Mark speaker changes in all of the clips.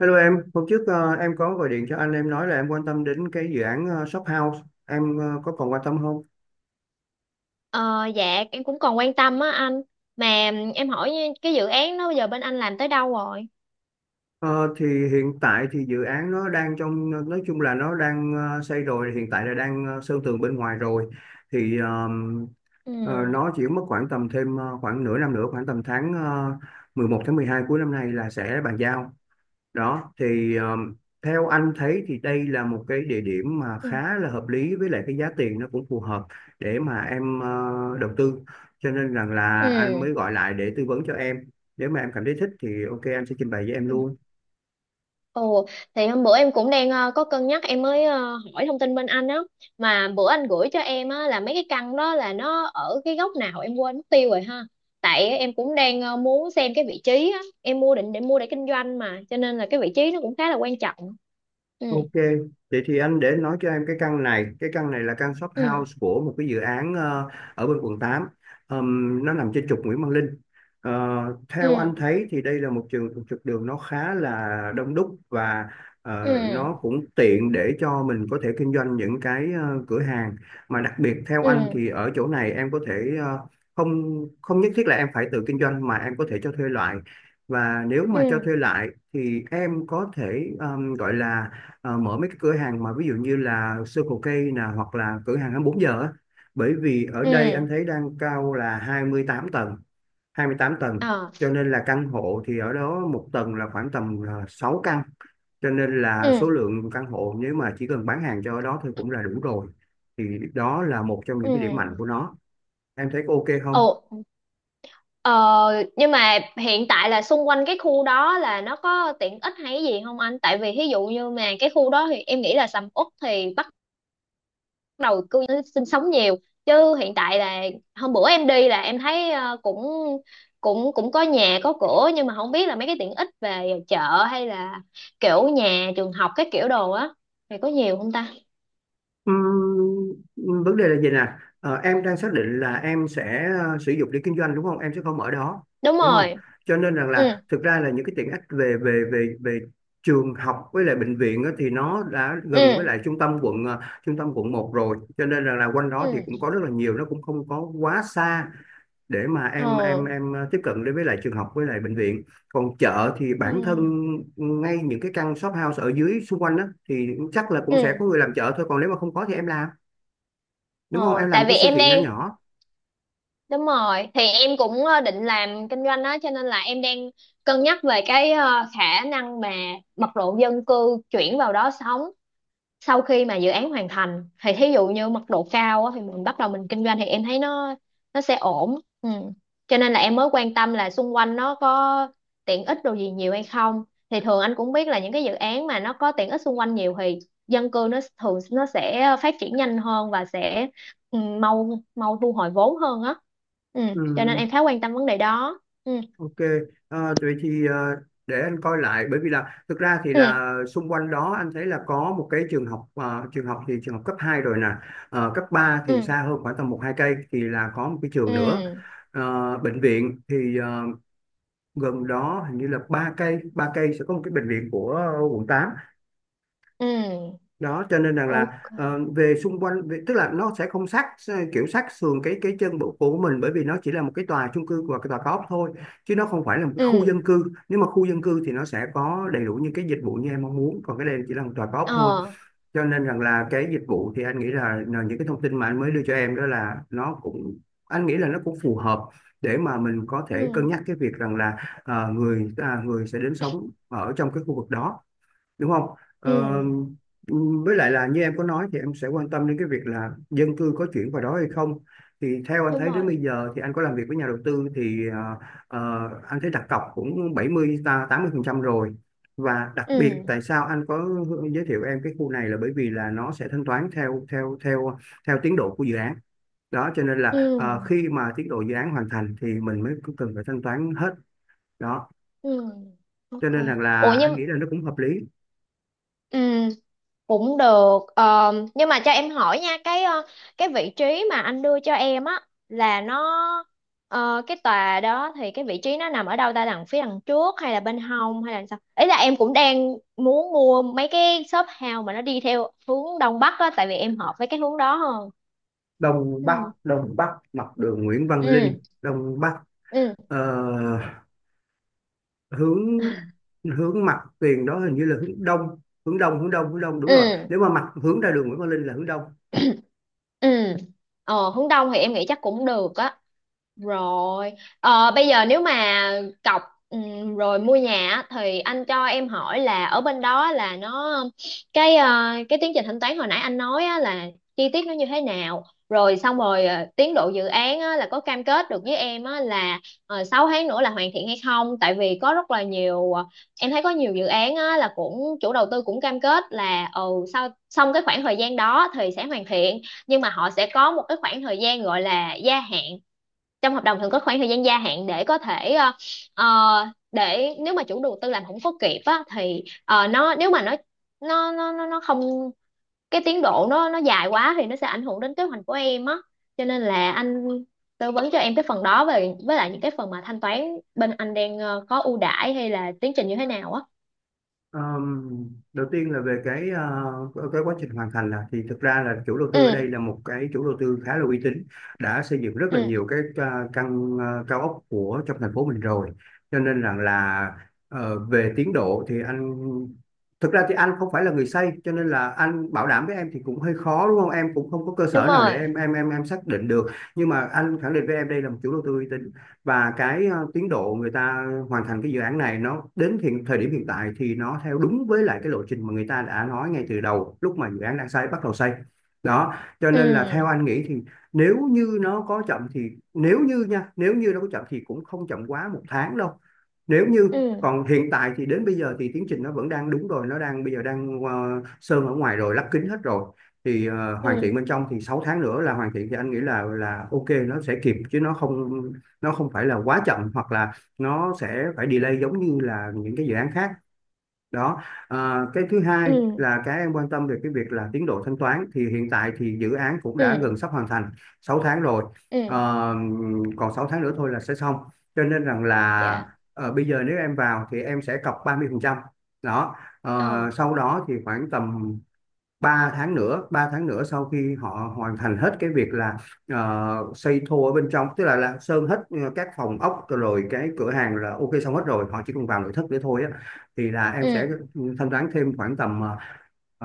Speaker 1: Hello em, hôm trước em có gọi điện cho anh, em nói là em quan tâm đến cái dự án shop house, em có còn quan tâm không?
Speaker 2: Ờ, dạ em cũng còn quan tâm á anh, mà em hỏi cái dự án đó bây giờ bên anh làm tới đâu rồi.
Speaker 1: Ờ, thì hiện tại thì dự án nó đang trong, nói chung là nó đang xây rồi, hiện tại là đang sơn tường bên ngoài rồi. Thì
Speaker 2: Ừ,
Speaker 1: nó chỉ mất khoảng tầm thêm khoảng nửa năm nữa, khoảng tầm tháng 11 tháng 12 cuối năm nay là sẽ bàn giao. Đó thì theo anh thấy thì đây là một cái địa điểm mà
Speaker 2: ừ,
Speaker 1: khá là hợp lý, với lại cái giá tiền nó cũng phù hợp để mà em đầu tư, cho nên rằng là anh
Speaker 2: ừ,
Speaker 1: mới gọi lại để tư vấn cho em. Nếu mà em cảm thấy thích thì ok, anh sẽ trình bày với em
Speaker 2: ừ.
Speaker 1: luôn.
Speaker 2: Ồ, thì hôm bữa em cũng đang có cân nhắc, em mới hỏi thông tin bên anh á, mà bữa anh gửi cho em á là mấy cái căn đó là nó ở cái góc nào em quên mất tiêu rồi ha. Tại em cũng đang muốn xem cái vị trí á, em mua định để mua để kinh doanh mà, cho nên là cái vị trí nó cũng khá là quan trọng. Ừ,
Speaker 1: Ok, vậy thì anh để nói cho em cái căn này là căn shop
Speaker 2: ừ,
Speaker 1: house của một cái dự án ở bên quận 8. Nó nằm trên trục Nguyễn Văn Linh. Ờ, Theo
Speaker 2: ừ,
Speaker 1: anh thấy thì đây là một trục đường nó khá là đông đúc, và
Speaker 2: ừ,
Speaker 1: nó cũng tiện để cho mình có thể kinh doanh những cái cửa hàng. Mà đặc biệt theo anh
Speaker 2: ừ,
Speaker 1: thì ở chỗ này em có thể không không nhất thiết là em phải tự kinh doanh mà em có thể cho thuê lại. Và nếu
Speaker 2: ừ,
Speaker 1: mà cho
Speaker 2: ừ,
Speaker 1: thuê lại thì em có thể gọi là mở mấy cái cửa hàng mà ví dụ như là Circle K nè, hoặc là cửa hàng 24 giờ á, bởi vì ở đây
Speaker 2: ừ.
Speaker 1: anh thấy đang cao là 28 tầng, 28 tầng,
Speaker 2: Ờ,
Speaker 1: cho nên là căn hộ thì ở đó một tầng là khoảng tầm 6 căn, cho nên là
Speaker 2: ừ,
Speaker 1: số lượng căn hộ nếu mà chỉ cần bán hàng cho ở đó thôi cũng là đủ rồi. Thì đó là một trong những cái điểm
Speaker 2: ừ.
Speaker 1: mạnh của nó. Em thấy có ok không?
Speaker 2: Ồ, ờ, nhưng mà hiện tại là xung quanh cái khu đó là nó có tiện ích hay cái gì không anh? Tại vì ví dụ như mà cái khu đó thì em nghĩ là sầm uất thì bắt đầu cư dân sinh sống nhiều. Chứ hiện tại là hôm bữa em đi là em thấy cũng cũng cũng có nhà có cửa, nhưng mà không biết là mấy cái tiện ích về chợ hay là kiểu nhà trường học cái kiểu đồ á thì có nhiều không ta?
Speaker 1: Vấn đề là gì nè? Em đang xác định là em sẽ sử dụng để kinh doanh, đúng không, em sẽ không ở đó
Speaker 2: Đúng
Speaker 1: đúng không,
Speaker 2: rồi.
Speaker 1: cho nên rằng
Speaker 2: Ừ.
Speaker 1: là thực ra là những cái tiện ích về về về về trường học với lại bệnh viện á, thì nó đã gần với
Speaker 2: Ừ.
Speaker 1: lại trung tâm quận trung tâm quận 1 rồi, cho nên rằng là quanh đó thì
Speaker 2: Ừ.
Speaker 1: cũng có rất là nhiều, nó cũng không có quá xa để mà em
Speaker 2: Ờ.
Speaker 1: tiếp cận đến với lại trường học với lại bệnh viện. Còn chợ thì bản thân
Speaker 2: Ừ.
Speaker 1: ngay những cái căn shop house ở dưới xung quanh đó thì chắc là cũng sẽ
Speaker 2: Ừ.
Speaker 1: có người làm chợ thôi, còn nếu mà không có thì em làm, đúng không,
Speaker 2: Ờ,
Speaker 1: em làm
Speaker 2: tại
Speaker 1: một
Speaker 2: vì
Speaker 1: cái siêu
Speaker 2: em
Speaker 1: thị nhỏ
Speaker 2: đang.
Speaker 1: nhỏ.
Speaker 2: Đúng rồi, thì em cũng định làm kinh doanh đó, cho nên là em đang cân nhắc về cái khả năng mà mật độ dân cư chuyển vào đó sống sau khi mà dự án hoàn thành, thì thí dụ như mật độ cao á, thì mình bắt đầu mình kinh doanh thì em thấy nó sẽ ổn. Ừ. Cho nên là em mới quan tâm là xung quanh nó có tiện ích đồ gì nhiều hay không, thì thường anh cũng biết là những cái dự án mà nó có tiện ích xung quanh nhiều thì dân cư nó thường nó sẽ phát triển nhanh hơn và sẽ mau mau thu hồi vốn hơn á. Ừ.
Speaker 1: Ừ,
Speaker 2: Cho nên em khá quan tâm vấn đề đó. Ừ.
Speaker 1: ok. Vậy thì để anh coi lại, bởi vì là thực ra thì
Speaker 2: Ừ.
Speaker 1: là xung quanh đó anh thấy là có một cái trường học, trường học thì trường học cấp 2 rồi nè. Cấp 3 thì
Speaker 2: Ừ.
Speaker 1: xa hơn khoảng tầm một hai cây, thì là có một cái trường nữa.
Speaker 2: Ừ.
Speaker 1: Bệnh viện thì gần đó hình như là ba cây sẽ có một cái bệnh viện của quận 8.
Speaker 2: Ừ.
Speaker 1: Đó cho nên rằng là
Speaker 2: Ok.
Speaker 1: về xung quanh tức là nó sẽ không sát, kiểu sát sườn cái chân bộ của mình, bởi vì nó chỉ là một cái tòa chung cư và cái tòa cao ốc thôi, chứ nó không phải là một cái khu
Speaker 2: Ừ.
Speaker 1: dân cư. Nếu mà khu dân cư thì nó sẽ có đầy đủ những cái dịch vụ như em mong muốn, còn cái đây chỉ là một tòa cao ốc thôi,
Speaker 2: Ờ.
Speaker 1: cho nên rằng là cái dịch vụ thì anh nghĩ là những cái thông tin mà anh mới đưa cho em đó là nó cũng, anh nghĩ là nó cũng phù hợp để mà mình có thể cân
Speaker 2: Ừ.
Speaker 1: nhắc cái việc rằng là người người sẽ đến sống ở trong cái khu vực đó, đúng không? Ờ,
Speaker 2: Ừ.
Speaker 1: với lại là như em có nói thì em sẽ quan tâm đến cái việc là dân cư có chuyển vào đó hay không, thì theo anh
Speaker 2: Đúng
Speaker 1: thấy
Speaker 2: rồi.
Speaker 1: đến bây giờ thì anh có làm việc với nhà đầu tư thì anh thấy đặt cọc cũng 70 ta 80% rồi. Và đặc biệt
Speaker 2: Ừ,
Speaker 1: tại sao anh có giới thiệu em cái khu này là bởi vì là nó sẽ thanh toán theo theo theo theo tiến độ của dự án, đó cho nên
Speaker 2: ừ,
Speaker 1: là khi mà tiến độ dự án hoàn thành thì mình mới cần phải thanh toán hết. Đó
Speaker 2: ừ.
Speaker 1: cho
Speaker 2: Ok.
Speaker 1: nên rằng
Speaker 2: Ủa,
Speaker 1: là anh
Speaker 2: nhưng
Speaker 1: nghĩ là nó cũng hợp lý.
Speaker 2: ừ, cũng được. Ờ, nhưng mà cho em hỏi nha cái cái vị trí mà anh đưa cho em á là nó cái tòa đó thì cái vị trí nó nằm ở đâu ta, đằng phía đằng trước hay là bên hông hay là sao, ý là em cũng đang muốn mua mấy cái shop house mà nó đi theo hướng đông bắc á, tại vì em hợp với cái hướng đó hơn.
Speaker 1: Đông Bắc,
Speaker 2: Ừ,
Speaker 1: Đông Bắc mặt đường Nguyễn Văn Linh,
Speaker 2: ừ,
Speaker 1: Đông Bắc.
Speaker 2: ừ,
Speaker 1: Ờ, hướng hướng mặt tiền đó hình như là hướng đông, đúng
Speaker 2: ừ,
Speaker 1: rồi. Nếu mà mặt hướng ra đường Nguyễn Văn Linh là hướng đông.
Speaker 2: ừ. Hướng đông thì em nghĩ chắc cũng được á. Rồi, bây giờ nếu mà cọc, rồi mua nhà á, thì anh cho em hỏi là ở bên đó là nó cái cái tiến trình thanh toán hồi nãy anh nói á, là chi tiết nó như thế nào. Rồi xong rồi tiến độ dự án á, là có cam kết được với em á, là 6 tháng nữa là hoàn thiện hay không? Tại vì có rất là nhiều, em thấy có nhiều dự án á, là cũng chủ đầu tư cũng cam kết là sau xong cái khoảng thời gian đó thì sẽ hoàn thiện, nhưng mà họ sẽ có một cái khoảng thời gian gọi là gia hạn, trong hợp đồng thường có khoảng thời gian gia hạn để có thể ờ, để nếu mà chủ đầu tư làm không có kịp á thì nó, nếu mà nó không, cái tiến độ nó dài quá thì nó sẽ ảnh hưởng đến kế hoạch của em á, cho nên là anh tư vấn cho em cái phần đó về với lại những cái phần mà thanh toán bên anh đang có ưu đãi hay là tiến trình như thế nào á.
Speaker 1: Ờm, Đầu tiên là về cái cái quá trình hoàn thành là thì thực ra là chủ đầu tư ở đây
Speaker 2: Ừ,
Speaker 1: là một cái chủ đầu tư khá là uy tín, đã xây dựng rất là
Speaker 2: ừ.
Speaker 1: nhiều cái căn cao ốc của trong thành phố mình rồi, cho nên rằng là về tiến độ thì anh, thực ra thì anh không phải là người xây, cho nên là anh bảo đảm với em thì cũng hơi khó đúng không, em cũng không có cơ
Speaker 2: Đúng
Speaker 1: sở nào để
Speaker 2: rồi.
Speaker 1: em xác định được. Nhưng mà anh khẳng định với em đây là một chủ đầu tư uy tín, và cái tiến độ người ta hoàn thành cái dự án này nó đến hiện thời điểm hiện tại thì nó theo đúng với lại cái lộ trình mà người ta đã nói ngay từ đầu lúc mà dự án đang xây bắt đầu xây. Đó cho nên là theo
Speaker 2: Ừ,
Speaker 1: anh nghĩ thì, nếu như nó có chậm thì, nếu như nó có chậm thì cũng không chậm quá 1 tháng đâu. Nếu như
Speaker 2: ừ,
Speaker 1: còn hiện tại thì đến bây giờ thì tiến trình nó vẫn đang đúng rồi, nó đang, bây giờ đang sơn ở ngoài rồi, lắp kính hết rồi, thì hoàn
Speaker 2: ừ,
Speaker 1: thiện bên trong thì 6 tháng nữa là hoàn thiện thì anh nghĩ là ok, nó sẽ kịp chứ nó không phải là quá chậm, hoặc là nó sẽ phải delay giống như là những cái dự án khác đó. À, cái thứ hai
Speaker 2: ừ,
Speaker 1: là cái em quan tâm về cái việc là tiến độ thanh toán, thì hiện tại thì dự án cũng đã gần
Speaker 2: ừ,
Speaker 1: sắp hoàn thành 6 tháng rồi.
Speaker 2: ừ.
Speaker 1: Ờ, còn 6 tháng nữa thôi là sẽ xong, cho nên rằng là
Speaker 2: Dạ.
Speaker 1: bây giờ nếu em vào thì em sẽ cọc 30%. Đó.
Speaker 2: Ờ.
Speaker 1: Sau đó thì khoảng tầm 3 tháng nữa, sau khi họ hoàn thành hết cái việc là xây thô ở bên trong, tức là, sơn hết các phòng ốc rồi cái cửa hàng là ok xong hết rồi, họ chỉ cần vào nội thất để thôi á, thì là em sẽ
Speaker 2: Ừ.
Speaker 1: thanh toán thêm khoảng tầm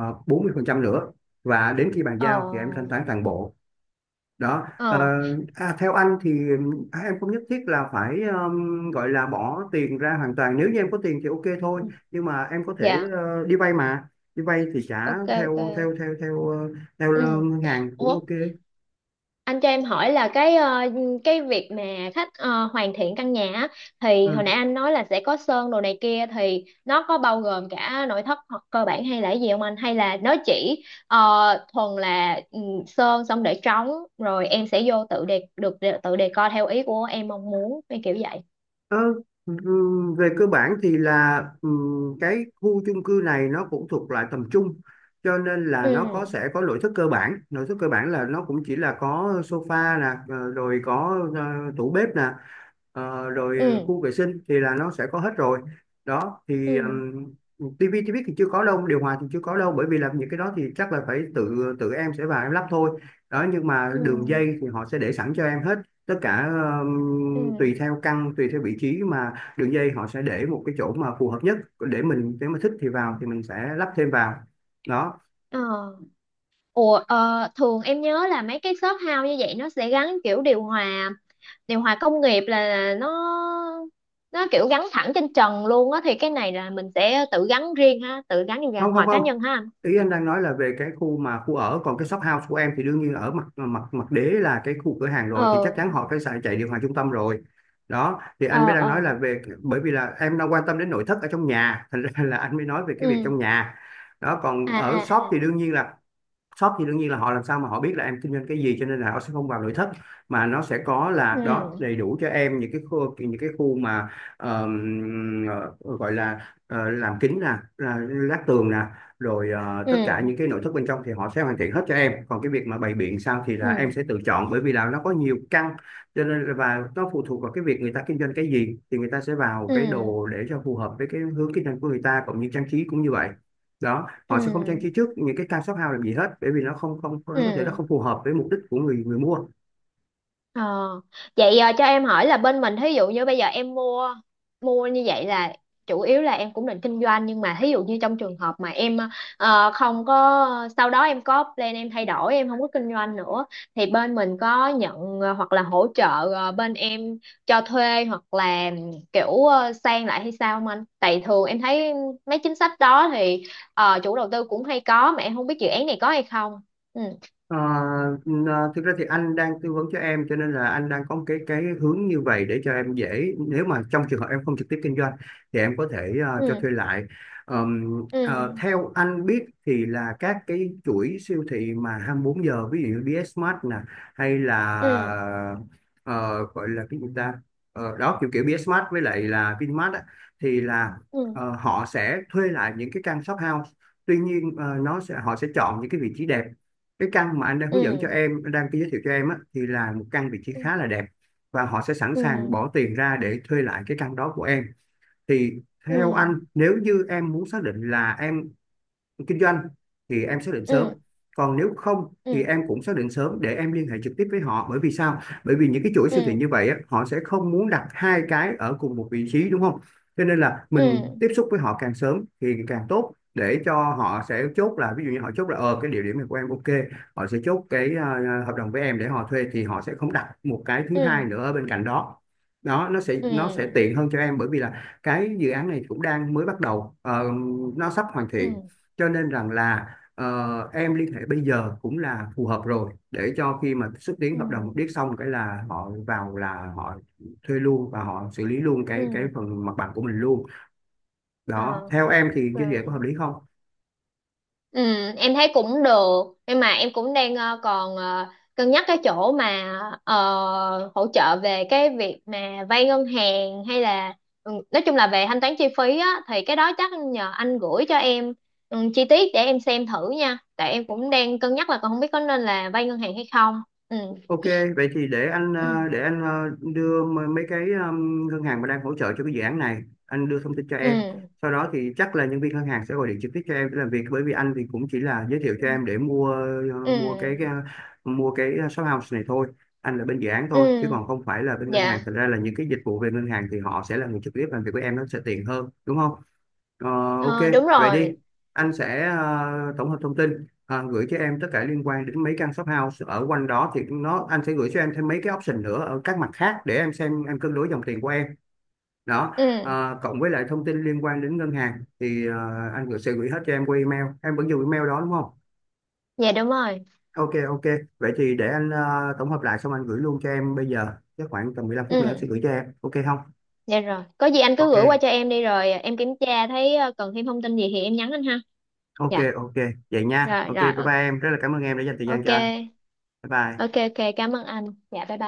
Speaker 1: 40% nữa, và đến khi bàn giao thì em thanh
Speaker 2: Ờ.
Speaker 1: toán toàn bộ. Đó
Speaker 2: Ờ.
Speaker 1: à, theo anh thì em không nhất thiết là phải gọi là bỏ tiền ra hoàn toàn, nếu như em có tiền thì ok thôi.
Speaker 2: Ừ.
Speaker 1: Nhưng mà em có thể
Speaker 2: Dạ.
Speaker 1: đi vay mà, đi vay thì trả
Speaker 2: Ok, ok.
Speaker 1: theo theo theo theo ờ, theo
Speaker 2: Ừ.
Speaker 1: ngân hàng cũng
Speaker 2: Ủa,
Speaker 1: ok.
Speaker 2: anh cho em hỏi là cái cái việc mà khách hoàn thiện căn nhà á, thì hồi
Speaker 1: Ừ.
Speaker 2: nãy anh nói là sẽ có sơn đồ này kia thì nó có bao gồm cả nội thất hoặc cơ bản hay là cái gì không anh, hay là nó chỉ thuần là sơn xong để trống, rồi em sẽ vô tự đề được tự đề co theo ý của em mong muốn cái kiểu vậy.
Speaker 1: Ờ, về cơ bản thì là cái khu chung cư này nó cũng thuộc loại tầm trung cho nên là
Speaker 2: Ừ,
Speaker 1: nó sẽ có nội thất cơ bản. Nội thất cơ bản là nó cũng chỉ là có sofa nè, rồi có tủ bếp nè, rồi
Speaker 2: ừ,
Speaker 1: khu vệ sinh thì là nó sẽ có hết rồi đó. Thì
Speaker 2: ừ,
Speaker 1: tivi, tivi thì chưa có đâu, điều hòa thì chưa có đâu, bởi vì làm những cái đó thì chắc là phải tự tự em sẽ vào em lắp thôi. Đó, nhưng mà
Speaker 2: ừ,
Speaker 1: đường dây thì họ sẽ để sẵn cho em hết tất cả.
Speaker 2: ừ,
Speaker 1: Tùy theo căn, tùy theo vị trí mà đường dây họ sẽ để một cái chỗ mà phù hợp nhất để mình nếu mà thích thì
Speaker 2: ừ.
Speaker 1: vào thì mình sẽ lắp thêm vào đó.
Speaker 2: Ờ. Ủa, thường em nhớ là mấy cái shop house như vậy nó sẽ gắn kiểu điều hòa, điều hòa công nghiệp, là nó kiểu gắn thẳng trên trần luôn á, thì cái này là mình sẽ tự gắn riêng ha, tự gắn điều
Speaker 1: Không, không,
Speaker 2: hòa cá
Speaker 1: không,
Speaker 2: nhân ha anh.
Speaker 1: ý anh đang nói là về cái khu mà khu ở, còn cái shop house của em thì đương nhiên ở mặt mặt mặt đế là cái khu cửa hàng rồi thì chắc
Speaker 2: Ờ,
Speaker 1: chắn họ phải xài chạy điều hòa trung tâm rồi. Đó thì anh mới
Speaker 2: ờ,
Speaker 1: đang nói là
Speaker 2: ờ.
Speaker 1: về, bởi vì là em đang quan tâm đến nội thất ở trong nhà, thành ra là anh mới nói về cái việc
Speaker 2: Ừ.
Speaker 1: trong nhà. Đó, còn
Speaker 2: À,
Speaker 1: ở
Speaker 2: à,
Speaker 1: shop thì
Speaker 2: à.
Speaker 1: đương nhiên là, shop thì đương nhiên là họ làm sao mà họ biết là em kinh doanh cái gì, cho nên là họ sẽ không vào nội thất, mà nó sẽ có là đó,
Speaker 2: Ừ,
Speaker 1: đầy đủ cho em những cái khu, những cái khu mà ờm, gọi là làm kính nè, là lát tường nè, rồi tất cả
Speaker 2: ừ,
Speaker 1: những cái nội thất bên trong thì họ sẽ hoàn thiện hết cho em. Còn cái việc mà bày biện sao thì là em
Speaker 2: ừ,
Speaker 1: sẽ tự chọn, bởi vì là nó có nhiều căn, và nó phụ thuộc vào cái việc người ta kinh doanh cái gì thì người ta sẽ vào cái
Speaker 2: ừ,
Speaker 1: đồ để cho phù hợp với cái hướng kinh doanh của người ta, cũng như trang trí cũng như vậy. Đó, họ sẽ không trang trí
Speaker 2: ừ,
Speaker 1: trước những cái cam shop house làm gì hết, bởi vì nó không không, nó có thể nó
Speaker 2: ừ.
Speaker 1: không phù hợp với mục đích của người người mua.
Speaker 2: Ờ. Vậy cho em hỏi là bên mình thí dụ như bây giờ em mua, mua như vậy là chủ yếu là em cũng định kinh doanh, nhưng mà thí dụ như trong trường hợp mà em không có, sau đó em có plan em thay đổi em không có kinh doanh nữa, thì bên mình có nhận hoặc là hỗ trợ bên em cho thuê hoặc là kiểu sang lại hay sao không anh? Tại thường em thấy mấy chính sách đó thì chủ đầu tư cũng hay có, mà em không biết dự án này có hay không. Ừ.
Speaker 1: Ờ, thực ra thì anh đang tư vấn cho em, cho nên là anh đang có một cái hướng như vậy để cho em dễ, nếu mà trong trường hợp em không trực tiếp kinh doanh thì em có thể cho
Speaker 2: Ừ.
Speaker 1: thuê lại.
Speaker 2: Ừ.
Speaker 1: Theo anh biết thì là các cái chuỗi siêu thị mà 24 giờ, ví dụ như BSmart nè, hay
Speaker 2: Ừ.
Speaker 1: là ờ, gọi là cái gì ta. Ờ, đó kiểu kiểu BSmart với lại là Vinmart á, thì là
Speaker 2: Ừ.
Speaker 1: họ sẽ thuê lại những cái căn shop house. Tuy nhiên nó sẽ, họ sẽ chọn những cái vị trí đẹp. Cái căn mà anh đang hướng dẫn cho
Speaker 2: Ừ.
Speaker 1: em, anh đang giới thiệu cho em á, thì là một căn vị trí
Speaker 2: Ừ,
Speaker 1: khá là đẹp, và họ sẽ sẵn
Speaker 2: ừ,
Speaker 1: sàng bỏ tiền ra để thuê lại cái căn đó của em. Thì
Speaker 2: ừ,
Speaker 1: theo anh, nếu như em muốn xác định là em kinh doanh thì em xác định sớm,
Speaker 2: ừ,
Speaker 1: còn nếu không thì
Speaker 2: ừ,
Speaker 1: em cũng xác định sớm để em liên hệ trực tiếp với họ. Bởi vì sao? Bởi vì những cái chuỗi siêu thị
Speaker 2: ừ,
Speaker 1: như vậy á, họ sẽ không muốn đặt hai cái ở cùng một vị trí, đúng không? Cho nên là mình
Speaker 2: ừ,
Speaker 1: tiếp xúc với họ càng sớm thì càng tốt, để cho họ sẽ chốt, là ví dụ như họ chốt là ờ cái địa điểm này của em ok, họ sẽ chốt cái hợp đồng với em để họ thuê, thì họ sẽ không đặt một cái thứ hai
Speaker 2: ừ,
Speaker 1: nữa ở bên cạnh đó. Đó, nó sẽ
Speaker 2: ừ,
Speaker 1: tiện hơn cho em, bởi vì là cái dự án này cũng đang mới bắt đầu, nó sắp hoàn
Speaker 2: ừ,
Speaker 1: thiện, cho nên rằng là em liên hệ bây giờ cũng là phù hợp rồi, để cho khi mà xúc tiến hợp đồng điếc
Speaker 2: ừ,
Speaker 1: xong cái là họ vào là họ thuê luôn, và họ xử lý luôn
Speaker 2: ừ.
Speaker 1: cái phần mặt bằng của mình luôn.
Speaker 2: Ờ,
Speaker 1: Đó, theo em thì như vậy có hợp
Speaker 2: ờ.
Speaker 1: lý không?
Speaker 2: Ừ. Em thấy cũng được, nhưng mà em cũng đang còn cân nhắc cái chỗ mà hỗ trợ về cái việc mà vay ngân hàng, hay là nói chung là về thanh toán chi phí á, thì cái đó chắc nhờ anh gửi cho em chi tiết để em xem thử nha, tại em cũng đang cân nhắc là còn không biết có nên là vay ngân hàng hay không. Ừ,
Speaker 1: Ok, vậy thì để
Speaker 2: ừ,
Speaker 1: anh đưa mấy cái ngân hàng mà đang hỗ trợ cho cái dự án này, anh đưa thông tin cho em.
Speaker 2: ừ,
Speaker 1: Sau đó thì chắc là nhân viên ngân hàng sẽ gọi điện trực tiếp cho em để làm việc, bởi vì anh thì cũng chỉ là giới thiệu cho em để mua ờ,
Speaker 2: ừ,
Speaker 1: mua cái ờ, mua cái shop house này thôi. Anh là bên dự án thôi chứ còn
Speaker 2: ừ.
Speaker 1: không phải là bên ngân hàng.
Speaker 2: Dạ.
Speaker 1: Thật ra là những cái dịch vụ về ngân hàng thì họ sẽ là người trực tiếp làm việc với em, nó sẽ tiện hơn, đúng không? Ờ, ok,
Speaker 2: Ờ, đúng
Speaker 1: vậy
Speaker 2: rồi.
Speaker 1: đi.
Speaker 2: Rồi.
Speaker 1: Anh sẽ tổng hợp thông tin gửi cho em tất cả liên quan đến mấy căn shop house ở quanh đó, thì anh sẽ gửi cho em thêm mấy cái option nữa ở các mặt khác để em xem em cân đối dòng tiền của em. Đó,
Speaker 2: Ừ.
Speaker 1: Ờ, cộng với lại thông tin liên quan đến ngân hàng thì ờ, anh gửi sẽ gửi hết cho em qua email. Em vẫn dùng email đó đúng không?
Speaker 2: Dạ, đúng rồi.
Speaker 1: Ok, ok. Vậy thì để anh tổng hợp lại xong anh gửi luôn cho em bây giờ. Chắc khoảng tầm 15 phút nữa anh sẽ
Speaker 2: Ừ.
Speaker 1: gửi cho em. Ok không?
Speaker 2: Dạ, rồi có gì anh cứ
Speaker 1: Ok,
Speaker 2: gửi qua cho em đi, rồi em kiểm tra thấy cần thêm thông tin gì thì em nhắn anh ha.
Speaker 1: ok,
Speaker 2: Dạ.
Speaker 1: ok. Vậy nha.
Speaker 2: Rồi,
Speaker 1: Ok, bye
Speaker 2: rồi.
Speaker 1: bye em. Rất là cảm ơn em đã dành thời gian
Speaker 2: Ok.
Speaker 1: cho anh. Bye bye.
Speaker 2: Ok, ok, cảm ơn anh. Dạ, bye bye.